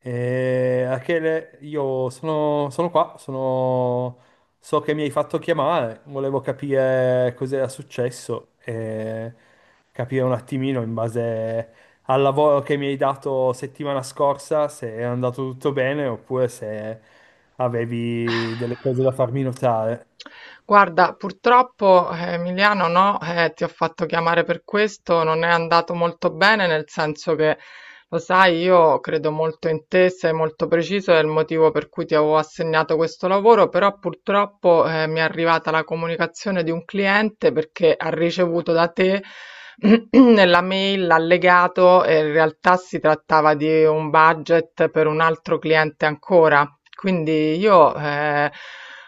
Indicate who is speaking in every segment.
Speaker 1: Rachele, io sono, sono qua, sono- so che mi hai fatto chiamare, volevo capire cos'era successo e capire un attimino in base al lavoro che mi hai dato settimana scorsa se è andato tutto bene oppure se avevi delle cose da farmi notare.
Speaker 2: Guarda, purtroppo Emiliano no, ti ho fatto chiamare per questo, non è andato molto bene, nel senso che lo sai, io credo molto in te, sei molto preciso, è il motivo per cui ti avevo assegnato questo lavoro, però purtroppo mi è arrivata la comunicazione di un cliente perché ha ricevuto da te nella mail l'allegato e in realtà si trattava di un budget per un altro cliente ancora. Quindi io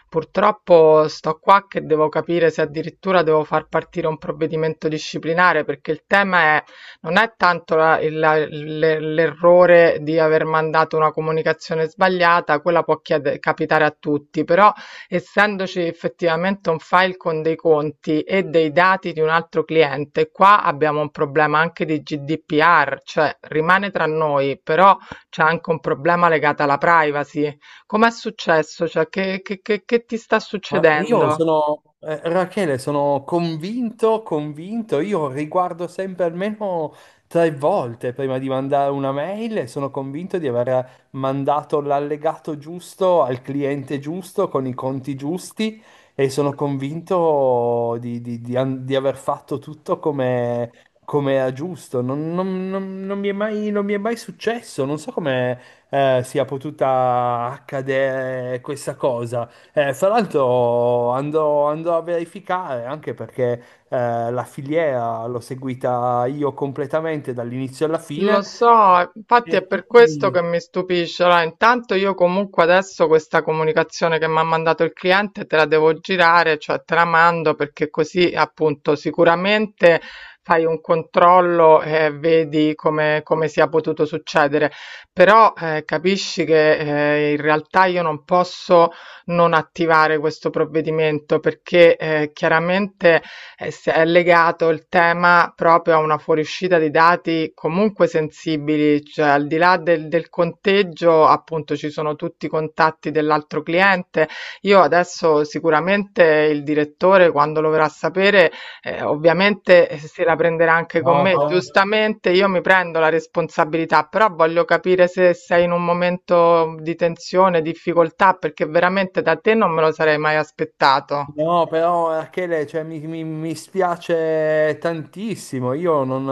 Speaker 2: purtroppo sto qua che devo capire se addirittura devo far partire un provvedimento disciplinare perché il tema non è tanto l'errore di aver mandato una comunicazione sbagliata, quella può capitare a tutti, però essendoci effettivamente un file con dei conti e dei dati di un altro cliente, qua abbiamo un problema anche di GDPR, cioè rimane tra noi, però c'è anche un problema legato alla privacy. Com'è successo? Cioè, che ti sta
Speaker 1: Ma io
Speaker 2: succedendo?
Speaker 1: sono, eh, Rachele, sono convinto, io riguardo sempre almeno tre volte prima di mandare una mail e sono convinto di aver mandato l'allegato giusto al cliente giusto con i conti giusti e sono convinto di aver fatto tutto come, come era giusto. Non mi è mai, non mi è mai successo, non so come, sia potuta accadere questa cosa. Fra l'altro andrò a verificare anche perché la filiera l'ho seguita io completamente dall'inizio alla
Speaker 2: Lo
Speaker 1: fine
Speaker 2: so, infatti è
Speaker 1: e
Speaker 2: per questo che
Speaker 1: quindi
Speaker 2: mi stupisce. Allora, intanto io comunque adesso questa comunicazione che mi ha mandato il cliente te la devo girare, cioè te la mando perché così appunto sicuramente fai un controllo e vedi come, come sia potuto succedere. Però capisci che in realtà io non posso non attivare questo provvedimento perché chiaramente è, è legato il tema proprio a una fuoriuscita di dati comunque sensibili, cioè al di là del, del conteggio, appunto ci sono tutti i contatti dell'altro cliente. Io adesso sicuramente il direttore, quando lo verrà a sapere, ovviamente se la prenderà anche
Speaker 1: no,
Speaker 2: con me,
Speaker 1: però.
Speaker 2: giustamente io mi prendo la responsabilità, però voglio capire se sei in un momento di tensione, difficoltà, perché veramente da te non me lo sarei mai aspettato.
Speaker 1: No, però Rachele, cioè, mi spiace tantissimo, io non,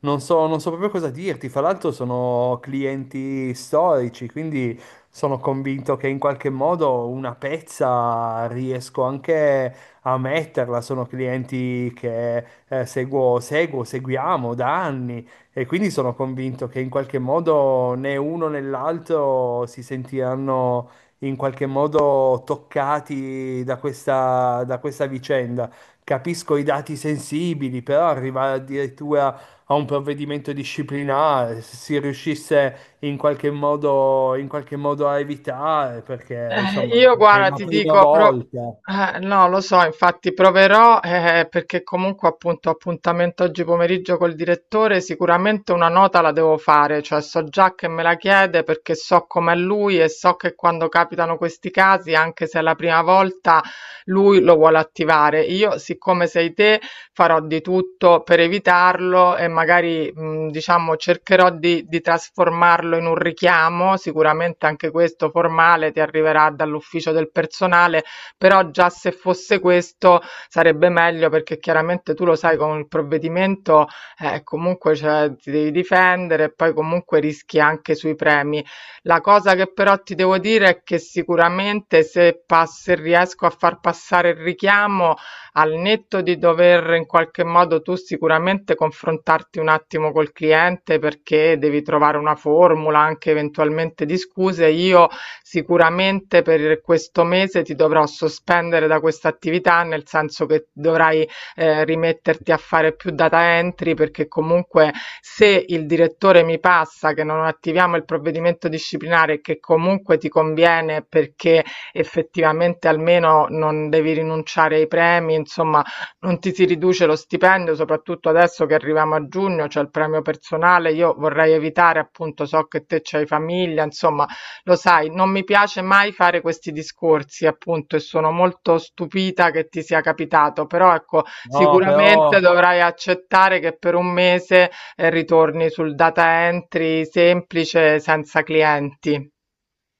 Speaker 1: non so, non so proprio cosa dirti, fra l'altro sono clienti storici, quindi sono convinto che in qualche modo una pezza riesco anche a metterla, sono clienti che seguiamo da anni e quindi sono convinto che in qualche modo né uno né l'altro si sentiranno in qualche modo toccati da questa vicenda. Capisco i dati sensibili, però arrivare addirittura a un provvedimento disciplinare, se si riuscisse in qualche modo a evitare, perché insomma
Speaker 2: Io
Speaker 1: è
Speaker 2: guarda,
Speaker 1: la
Speaker 2: ti
Speaker 1: prima
Speaker 2: dico,
Speaker 1: volta.
Speaker 2: no, lo so, infatti proverò perché comunque appunto ho appuntamento oggi pomeriggio col direttore, sicuramente una nota la devo fare, cioè so già che me la chiede perché so com'è lui e so che quando capitano questi casi, anche se è la prima volta, lui lo vuole attivare. Io, siccome sei te, farò di tutto per evitarlo e magari, diciamo cercherò di trasformarlo in un richiamo, sicuramente anche questo formale ti arriverà dall'ufficio del personale, però già se fosse questo sarebbe meglio perché chiaramente tu lo sai con il provvedimento, comunque cioè ti devi difendere e poi comunque rischi anche sui premi. La cosa che però ti devo dire è che sicuramente se pass se riesco a far passare il richiamo, al netto di dover in qualche modo tu sicuramente confrontarti un attimo col cliente perché devi trovare una formula anche eventualmente di scuse, io sicuramente per questo mese ti dovrò sospendere da questa attività, nel senso che dovrai rimetterti a fare più data entry perché comunque se il direttore mi passa che non attiviamo il provvedimento disciplinare che comunque ti conviene perché effettivamente almeno non devi rinunciare ai premi, insomma, non ti si riduce lo stipendio, soprattutto adesso che arriviamo a giugno, c'è il premio personale. Io vorrei evitare, appunto, so che te c'hai famiglia, insomma, lo sai, non mi piace mai fare questi discorsi, appunto, e sono molto stupita che ti sia capitato, però ecco,
Speaker 1: No,
Speaker 2: sicuramente
Speaker 1: però.
Speaker 2: dovrai accettare che per un mese ritorni sul data entry semplice senza clienti.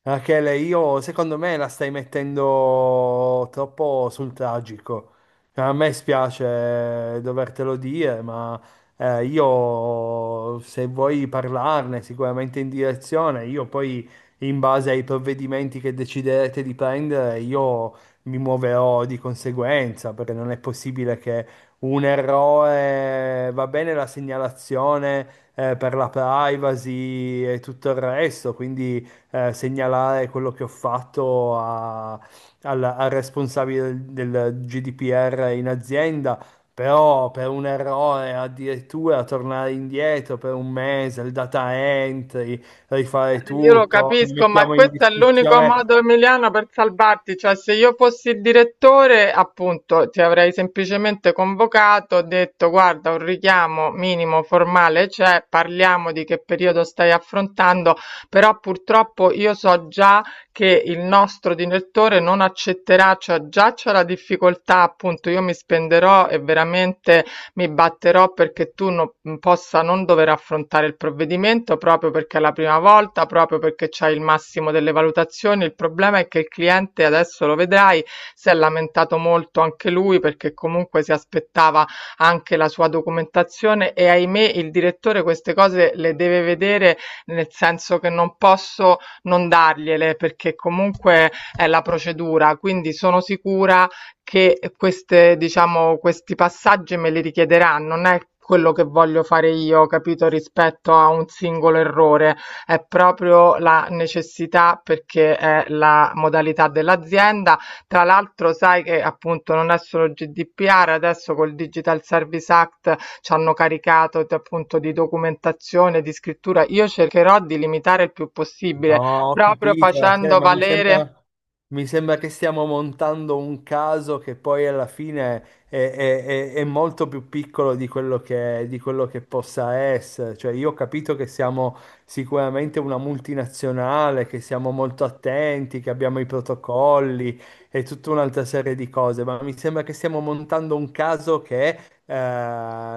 Speaker 1: Rachele, io secondo me la stai mettendo troppo sul tragico. Cioè, a me spiace dovertelo dire, ma io se vuoi parlarne sicuramente in direzione, io poi in base ai provvedimenti che deciderete di prendere, io mi muoverò di conseguenza, perché non è possibile che un errore, va bene la segnalazione per la privacy e tutto il resto, quindi segnalare quello che ho fatto al responsabile del GDPR in azienda, però per un errore addirittura tornare indietro per un mese, il data entry, rifare
Speaker 2: Io lo
Speaker 1: tutto, mi
Speaker 2: capisco, ma
Speaker 1: mettiamo in
Speaker 2: questo è l'unico
Speaker 1: discussione.
Speaker 2: modo, Emiliano, per salvarti. Cioè, se io fossi il direttore, appunto, ti avrei semplicemente convocato, detto, guarda, un richiamo minimo formale c'è, parliamo di che periodo stai affrontando, però purtroppo io so già che il nostro direttore non accetterà, cioè già c'è la difficoltà, appunto, io mi spenderò e veramente mi batterò perché tu no, possa non dover affrontare il provvedimento, proprio perché è la prima volta, proprio perché c'hai il massimo delle valutazioni. Il problema è che il cliente, adesso lo vedrai, si è lamentato molto anche lui perché comunque si aspettava anche la sua documentazione e ahimè il direttore queste cose le deve vedere nel senso che non posso non dargliele perché comunque è la procedura, quindi sono sicura che queste diciamo questi passaggi me li richiederanno, non è quello che voglio fare io, capito, rispetto a un singolo errore, è proprio la necessità perché è la modalità dell'azienda. Tra l'altro sai che appunto non è solo GDPR, adesso col Digital Service Act ci hanno caricato appunto di documentazione, di scrittura. Io cercherò di limitare il più possibile,
Speaker 1: No, ho
Speaker 2: proprio
Speaker 1: capito, Rachele,
Speaker 2: facendo
Speaker 1: ma
Speaker 2: valere.
Speaker 1: mi sembra che stiamo montando un caso che poi alla fine è molto più piccolo di quello che possa essere. Cioè, io ho capito che siamo sicuramente una multinazionale, che siamo molto attenti, che abbiamo i protocolli e tutta un'altra serie di cose, ma mi sembra che stiamo montando un caso che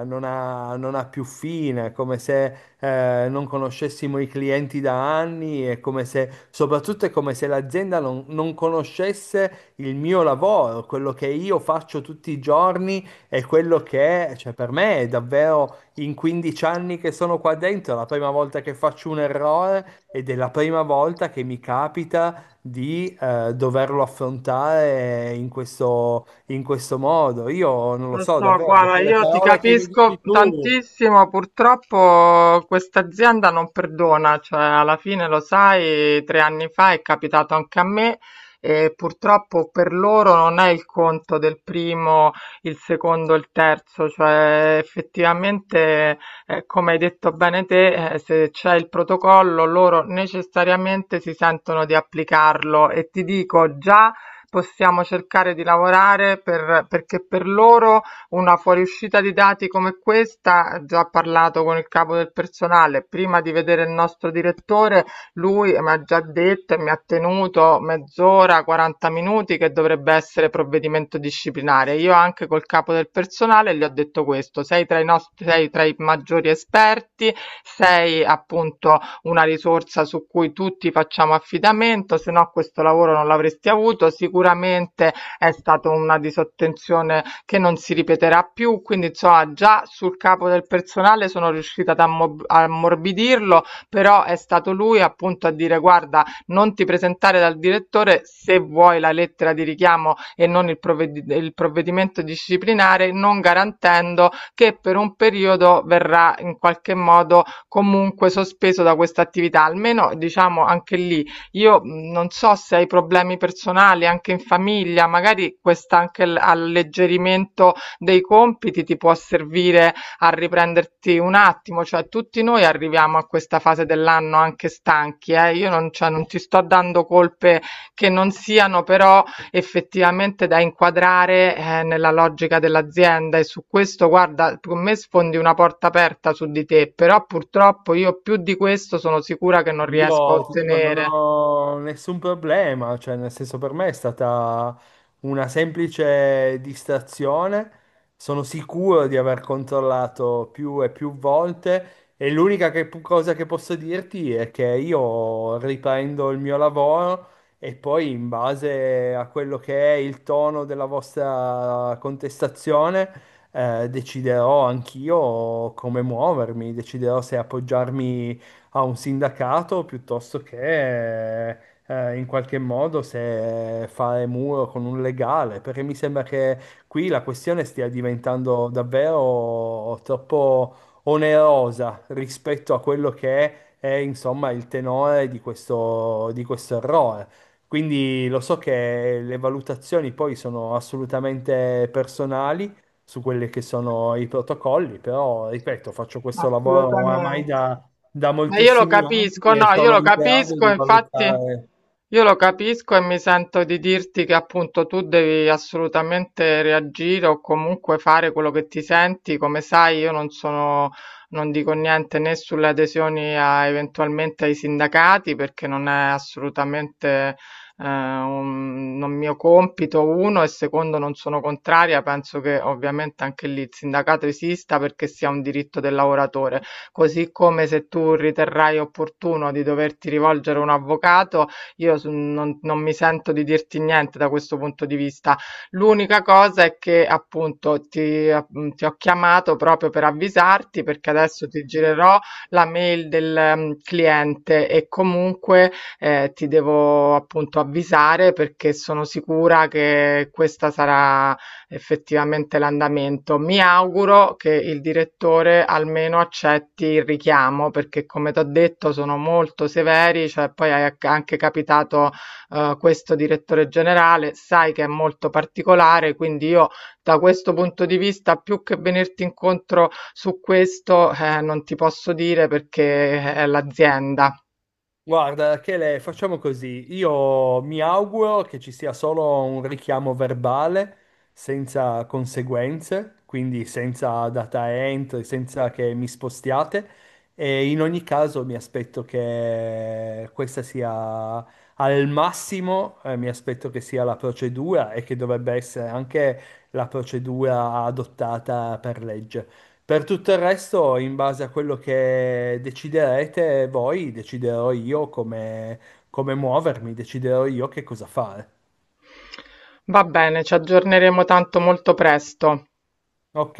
Speaker 1: non ha più fine, è come se non conoscessimo i clienti da anni, è come se, soprattutto è come se l'azienda non conoscesse il mio lavoro, quello che io faccio tutti i giorni e quello che, cioè per me è davvero in 15 anni che sono qua dentro, è la prima volta che faccio un errore ed è la prima volta che mi capita di doverlo affrontare in questo modo. Io non lo
Speaker 2: Lo
Speaker 1: so,
Speaker 2: so,
Speaker 1: davvero,
Speaker 2: guarda,
Speaker 1: dopo le
Speaker 2: io ti
Speaker 1: parole che mi
Speaker 2: capisco
Speaker 1: dici tu.
Speaker 2: tantissimo, purtroppo questa azienda non perdona, cioè alla fine lo sai, 3 anni fa è capitato anche a me e purtroppo per loro non è il conto del primo, il secondo, il terzo, cioè effettivamente, come hai detto bene te, se c'è il protocollo loro necessariamente si sentono di applicarlo e ti dico già possiamo cercare di lavorare per, perché per loro una fuoriuscita di dati come questa, già ho parlato con il capo del personale, prima di vedere il nostro direttore, lui mi ha già detto e mi ha tenuto mezz'ora, 40 minuti che dovrebbe essere provvedimento disciplinare. Io anche col capo del personale gli ho detto questo, sei tra i nostri, sei tra i maggiori esperti, sei appunto una risorsa su cui tutti facciamo affidamento, se no questo lavoro non l'avresti avuto. Sicuramente è stata una disattenzione che non si ripeterà più, quindi insomma già sul capo del personale sono riuscita ad ammorbidirlo, però è stato lui appunto a dire guarda, non ti presentare dal direttore se vuoi la lettera di richiamo e non il provvedimento disciplinare, non garantendo che per un periodo verrà in qualche modo comunque sospeso da questa attività, almeno diciamo anche lì. Io non so se hai problemi personali anche in famiglia, magari questa anche alleggerimento dei compiti ti può servire a riprenderti un attimo, cioè tutti noi arriviamo a questa fase dell'anno anche stanchi, eh. Io non, cioè, non ti sto dando colpe che non siano, però effettivamente da inquadrare nella logica dell'azienda e su questo guarda, con me sfondi una porta aperta su di te, però purtroppo io più di questo sono sicura che non riesco a
Speaker 1: Io ti dico, non
Speaker 2: ottenere.
Speaker 1: ho nessun problema, cioè nel senso per me è stata una semplice distrazione, sono sicuro di aver controllato più e più volte e cosa che posso dirti è che io riprendo il mio lavoro e poi in base a quello che è il tono della vostra contestazione deciderò anch'io come muovermi, deciderò se appoggiarmi a un sindacato piuttosto che in qualche modo se fare muro con un legale, perché mi sembra che qui la questione stia diventando davvero troppo onerosa rispetto a quello che è, insomma, il tenore di questo errore. Quindi lo so che le valutazioni poi sono assolutamente personali su quelli che sono i protocolli, però ripeto, faccio questo lavoro oramai
Speaker 2: Assolutamente.
Speaker 1: da, da
Speaker 2: Ma io lo
Speaker 1: moltissimi
Speaker 2: capisco,
Speaker 1: ambiti e
Speaker 2: no, io
Speaker 1: sono
Speaker 2: lo
Speaker 1: in grado
Speaker 2: capisco,
Speaker 1: di
Speaker 2: infatti
Speaker 1: valutare.
Speaker 2: io lo capisco e mi sento di dirti che appunto tu devi assolutamente reagire o comunque fare quello che ti senti. Come sai, io non sono, non dico niente né sulle adesioni a, eventualmente ai sindacati perché non è assolutamente un non mio compito, uno, e secondo non sono contraria, penso che ovviamente anche lì il sindacato esista perché sia un diritto del lavoratore, così come se tu riterrai opportuno di doverti rivolgere a un avvocato, io non, non mi sento di dirti niente da questo punto di vista. L'unica cosa è che appunto ti ho chiamato proprio per avvisarti perché adesso ti girerò la mail del cliente e comunque ti devo appunto avvisare perché sono sicura che questa sarà effettivamente l'andamento. Mi auguro che il direttore almeno accetti il richiamo perché come ti ho detto sono molto severi, cioè poi è anche capitato questo direttore generale, sai che è molto particolare, quindi io da questo punto di vista più che venirti incontro su questo non ti posso dire perché è l'azienda.
Speaker 1: Guarda, Chele, facciamo così. Io mi auguro che ci sia solo un richiamo verbale senza conseguenze, quindi senza data entry, senza che mi spostiate. E in ogni caso mi aspetto che questa sia al massimo, mi aspetto che sia la procedura e che dovrebbe essere anche la procedura adottata per legge. Per tutto il resto, in base a quello che deciderete voi, deciderò io come, come muovermi, deciderò io che cosa fare.
Speaker 2: Va bene, ci aggiorneremo tanto molto presto.
Speaker 1: Ok?